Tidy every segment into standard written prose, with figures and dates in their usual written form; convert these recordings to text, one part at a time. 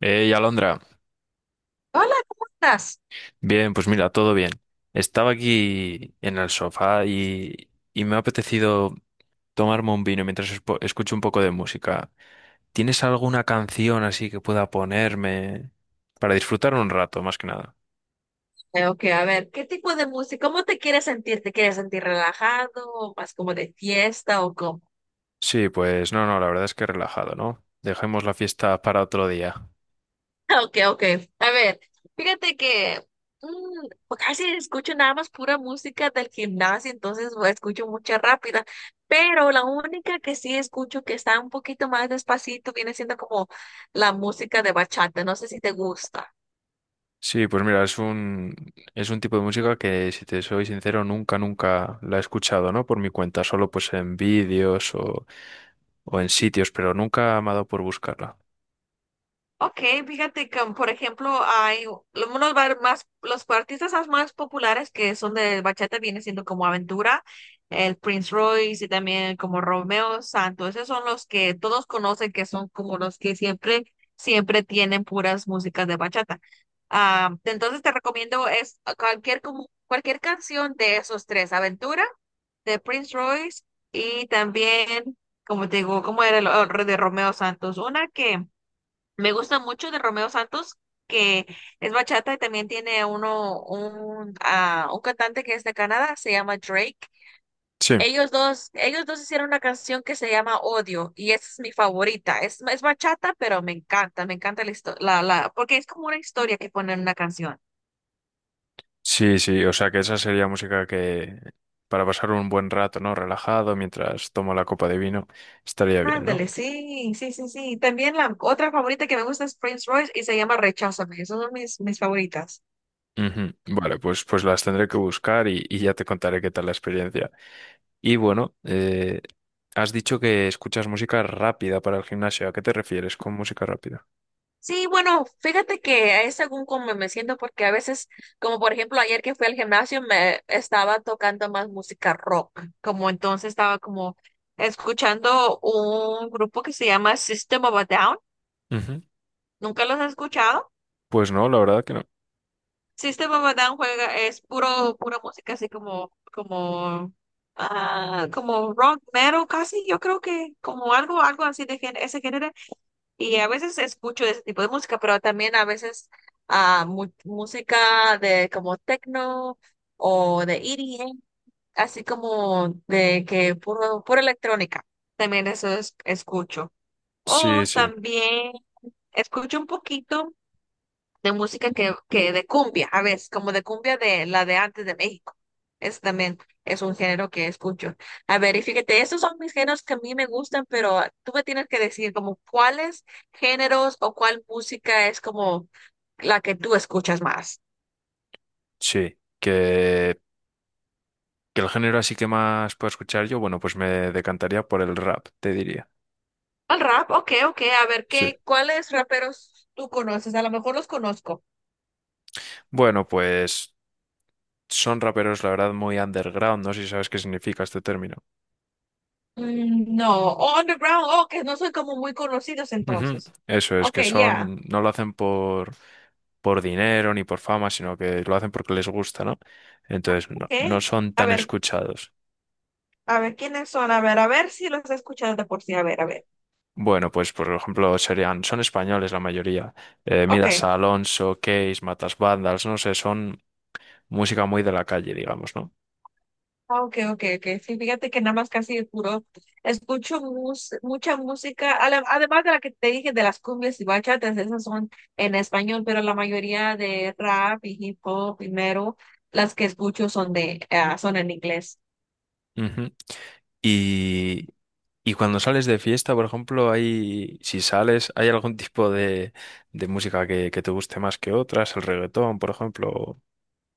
Hey, Alondra. Hola, ¿cómo estás? Bien, pues mira, todo bien. Estaba aquí en el sofá y me ha apetecido tomarme un vino mientras escucho un poco de música. ¿Tienes alguna canción así que pueda ponerme para disfrutar un rato, más que nada? Ok, a ver, ¿qué tipo de música? ¿Cómo te quieres sentir? ¿Te quieres sentir relajado o más como de fiesta o cómo? Sí, pues no, no, la verdad es que relajado, ¿no? Dejemos la fiesta para otro día. Ok, ok. A ver, fíjate que pues casi escucho nada más pura música del gimnasio, entonces pues, escucho mucha rápida, pero la única que sí escucho que está un poquito más despacito viene siendo como la música de bachata. No sé si te gusta. Sí, pues mira, es un tipo de música que, si te soy sincero, nunca, nunca la he escuchado, ¿no? Por mi cuenta, solo pues en vídeos o en sitios, pero nunca me ha dado por buscarla. Ok, fíjate que, por ejemplo, hay más, los más populares que son de bachata vienen siendo como Aventura, el Prince Royce y también como Romeo Santos. Esos son los que todos conocen que son como los que siempre, siempre tienen puras músicas de bachata. Entonces te recomiendo es cualquier, como, cualquier canción de esos tres, Aventura, de Prince Royce y también, como te digo, como era el de Romeo Santos, una que me gusta mucho de Romeo Santos, que es bachata y también tiene uno, un cantante que es de Canadá, se llama Drake. Sí, Ellos dos hicieron una canción que se llama Odio y esa es mi favorita. Es bachata, pero me encanta la histo- la, porque es como una historia que ponen en una canción. sí, sí, o sea que esa sería música que para pasar un buen rato, ¿no? Relajado mientras tomo la copa de vino, estaría bien, ¿no? Ándale, sí, sí, sí, sí. También la otra favorita que me gusta es Prince Royce y se llama Recházame. Esas son mis, mis favoritas. Ujú. Vale, pues, pues las tendré que buscar y ya te contaré qué tal la experiencia. Y bueno, has dicho que escuchas música rápida para el gimnasio. ¿A qué te refieres con música rápida? Sí, bueno, fíjate que es según cómo me siento, porque a veces, como por ejemplo ayer que fui al gimnasio, me estaba tocando más música rock, como entonces estaba como escuchando un grupo que se llama System of a Down. Ujú. ¿Nunca los has escuchado? Pues no, la verdad que no. System of a Down juega, es puro, pura música así como, como, como rock metal casi, yo creo que como algo, algo así ese género. Y a veces escucho ese tipo de música, pero también a veces música de como techno o de EDM, así como de que puro, pura electrónica. Escucho. Sí, O sí, también escucho un poquito de música que de cumbia, a veces, como de cumbia de la de antes de México. Es también es un género que escucho. A ver, y fíjate, estos son mis géneros que a mí me gustan, pero tú me tienes que decir como cuáles géneros o cuál música es como la que tú escuchas más. sí. Que el género así que más puedo escuchar yo, bueno, pues me decantaría por el rap, te diría. El rap, ok, ok. A ver, Sí. ¿qué, cuáles raperos tú conoces? A lo mejor los conozco. Bueno, pues son raperos, la verdad, muy underground. No sé si sabes qué significa este término. No, oh, underground, oh, que no soy como muy conocidos Ujú. entonces. Eso es, Ok, que ya, son, no lo hacen por dinero ni por fama, sino que lo hacen porque les gusta, ¿no? Entonces, no, no ok. son A tan ver, escuchados. a ver, ¿quiénes son? A ver si los he escuchado de por sí. A ver, a ver. Bueno, pues por ejemplo, serían, son españoles la mayoría. Midas Ok. Alonso, Case, Matas Vandals, no sé, son música muy de la calle, digamos, ¿no? Ok, ok, ok. Sí, fíjate que nada más casi de puro. Escucho mucha música, además de la que te dije de las cumbias y bachatas, esas son en español, pero la mayoría de rap y hip hop primero, las que escucho son de, son en inglés. Ujú. Y, y cuando sales de fiesta, por ejemplo, hay, si sales, ¿hay algún tipo de música que te guste más que otras? El reggaetón, por ejemplo.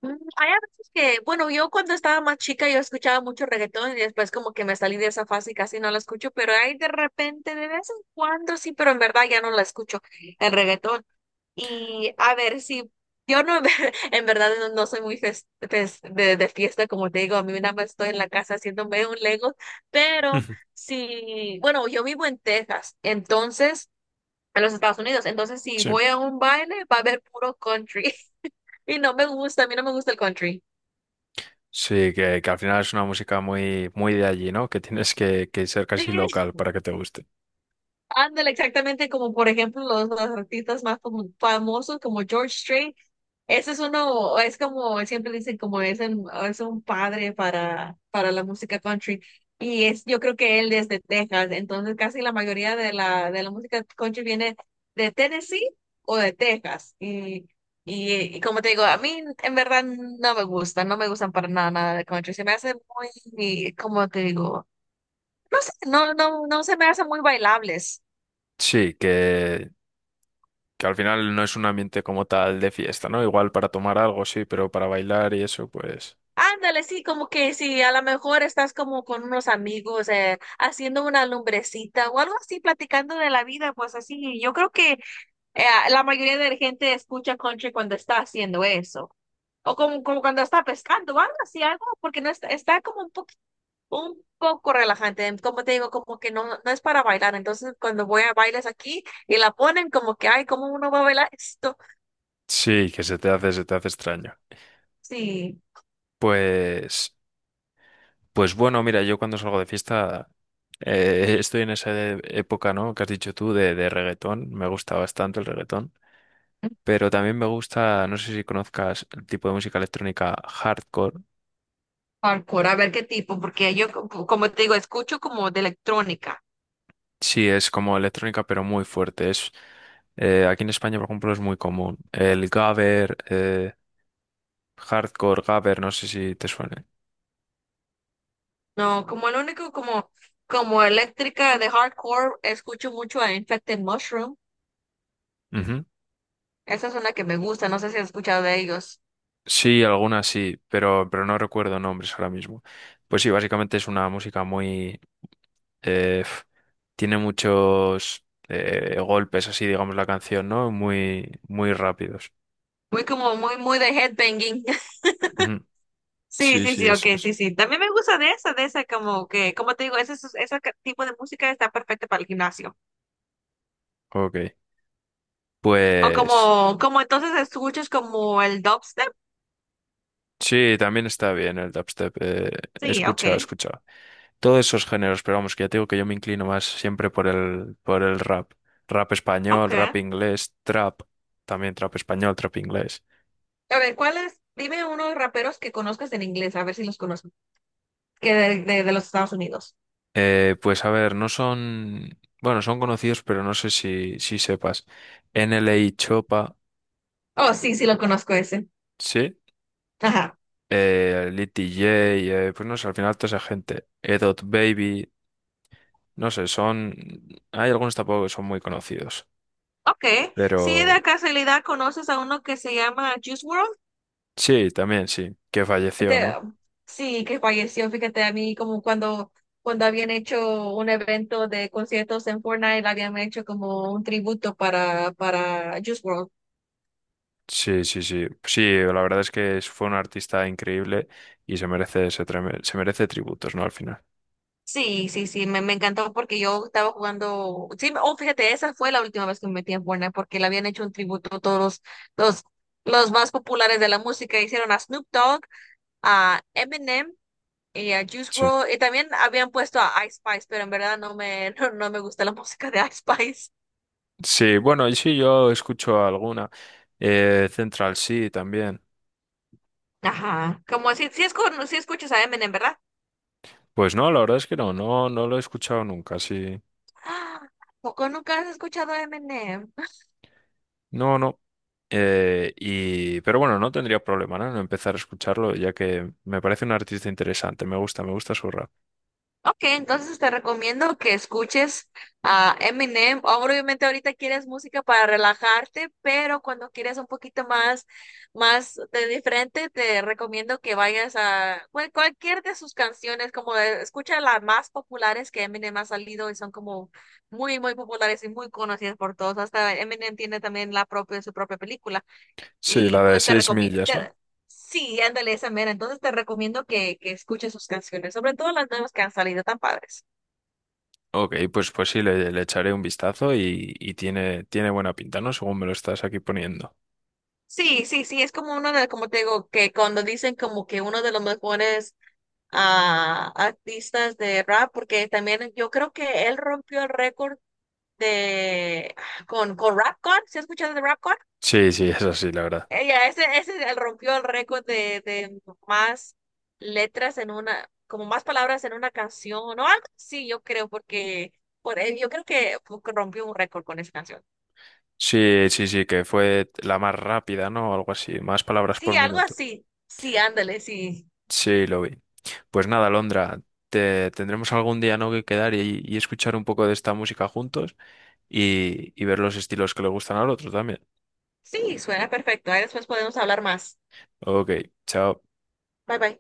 Hay a veces que, bueno, yo cuando estaba más chica yo escuchaba mucho reggaetón y después como que me salí de esa fase y casi no la escucho, pero hay de repente, de vez en cuando sí, pero en verdad ya no la escucho, el reggaetón. Y a ver, si yo no, en verdad no, no soy muy de fiesta, como te digo, a mí nada más estoy en la casa haciéndome un Lego, pero Ujú, sí, bueno, yo vivo en Texas, entonces, en los Estados Unidos, entonces si sí. voy a un baile va a haber puro country y no me gusta, a mí no me gusta el country. Sí, que al final es una música muy, muy de allí, ¿no? Que tienes que ser casi Sí, local para que te guste. ándale, exactamente como por ejemplo los artistas más famosos como George Strait. Ese es uno, es como siempre dicen, es un padre para la música country. Y es, yo creo que él es de Texas, entonces casi la mayoría de de la música country viene de Tennessee o de Texas. Y como te digo, a mí en verdad no me gusta, no me gustan para nada, nada de country. Se me hace muy, como te digo, no sé, no, no, no se me hacen muy bailables. Sí, que al final no es un ambiente como tal de fiesta, ¿no? Igual para tomar algo, sí, pero para bailar y eso, pues Ándale, sí, como que si a lo mejor estás como con unos amigos haciendo una lumbrecita o algo así, platicando de la vida, pues así, yo creo que eh, la mayoría de la gente escucha country cuando está haciendo eso, o como, como cuando está pescando o algo así, algo, porque no está, está como un poco relajante, como te digo, como que no, no es para bailar, entonces cuando voy a bailes aquí y la ponen como que, ay, ¿cómo uno va a bailar esto? sí, que se te hace extraño. Sí. Pues pues bueno, mira, yo cuando salgo de fiesta estoy en esa época, ¿no? Que has dicho tú de reggaetón. Me gusta bastante el reggaetón. Pero también me gusta, no sé si conozcas el tipo de música electrónica hardcore. Hardcore, a ver qué tipo, porque yo, como te digo, escucho como de electrónica. Sí, es como electrónica, pero muy fuerte. Es, aquí en España, por ejemplo, es muy común. El gabber, hardcore gabber, no sé si te suene. No, como el único como, como eléctrica de hardcore, escucho mucho a Infected Mushroom. Ujú. Esa es una que me gusta, no sé si has escuchado de ellos. Sí, algunas sí, pero no recuerdo nombres ahora mismo. Pues sí, básicamente es una música muy… Eh, f- tiene muchos golpes, así digamos la canción, ¿no? Muy, muy rápidos. Muy como, muy, muy de headbanging. Ujú. Sí, Sí, sí, sí, sí, ok, eso es. sí, sí. También me gusta de esa, como que, como te digo, ese, tipo de música está perfecta para el gimnasio. Ok. O Pues como, como entonces escuchas como el dubstep. sí, también está bien el dubstep. He Sí, ok, escuchado, he escuchado. Todos esos géneros, pero vamos, que ya te digo que yo me inclino más siempre por el rap. Rap español, ok. rap A inglés, trap. También trap español, trap inglés. ver, ¿cuáles? Dime unos raperos que conozcas en inglés, a ver si los conozco, que de los Estados Unidos. Pues a ver, no son… Bueno, son conocidos, pero no sé si, si sepas. NLA Chopa, Oh, sí, sí lo conozco ese. ¿sí? Ajá. Lit DJ, pues no sé, al final toda esa gente, Edot Baby, no sé, son… Hay algunos tampoco que son muy conocidos, Ok, si pero de casualidad conoces a uno que se llama Juice World. sí, también sí, que falleció, Te- ¿no? sí, que falleció, fíjate, a mí como cuando, cuando habían hecho un evento de conciertos en Fortnite, habían hecho como un tributo para Juice World. Sí, sí, sí. Sí, la verdad es que fue un artista increíble y se merece, ese se merece tributos, ¿no? Al final. Sí, sí, sí, me encantó porque yo estaba jugando, sí, oh, fíjate, esa fue la última vez que me metí en Fortnite porque le habían hecho un tributo a todos los, los más populares de la música, hicieron a Snoop Dogg, a Eminem y a Juice Sí. WRLD, y también habían puesto a Ice Spice, pero en verdad no me, no, no me gusta la música de Ice Spice. Sí, bueno, y sí, yo escucho alguna. Central sí, también. Ajá. Como si, si, si escuchas a Eminem, ¿verdad? Pues no, la verdad es que no, no, no lo he escuchado nunca, sí. Ah, ¿Poco nunca has escuchado a Eminem? No, no. Pero bueno, no tendría problema, ¿no? en empezar a escucharlo, ya que me parece un artista interesante. Me gusta su rap. Ok, entonces te recomiendo que escuches a Eminem. Obviamente ahorita quieres música para relajarte, pero cuando quieres un poquito más, más de diferente, te recomiendo que vayas a cualquier de sus canciones, como escucha las más populares que Eminem ha salido y son como muy, muy populares y muy conocidas por todos. Hasta Eminem tiene también la propia, su propia película. Sí, Y la de pues te seis recomiendo, millas, ¿no? sí, ándale esa mera. Entonces te recomiendo que escuches sus canciones, sobre todo las nuevas que han salido tan padres. Ok, pues, pues sí, le echaré un vistazo y tiene, tiene buena pinta, ¿no? Según me lo estás aquí poniendo. Sí, sí, sí, es como uno de, como te digo, que cuando dicen como que uno de los mejores artistas de rap, porque también yo creo que él rompió el récord de con Rapcon, ¿se ha escuchado de Rapcon? Sí, sí, es así, la verdad. Ella, ese rompió el récord de más letras en una, como más palabras en una canción, o algo así, yo creo, porque por, yo creo que rompió un récord con esa canción. Sí, sí, sí, que fue la más rápida, ¿no? O algo así, más palabras Sí, por algo minuto. así. Sí, ándale, sí. Sí, lo vi. Pues nada, Londra, te, tendremos algún día, ¿no? que quedar y escuchar un poco de esta música juntos. Y, y ver los estilos que le gustan al otro también. Sí, suena perfecto. Ahí después podemos hablar más. Ok, chao. Bye bye.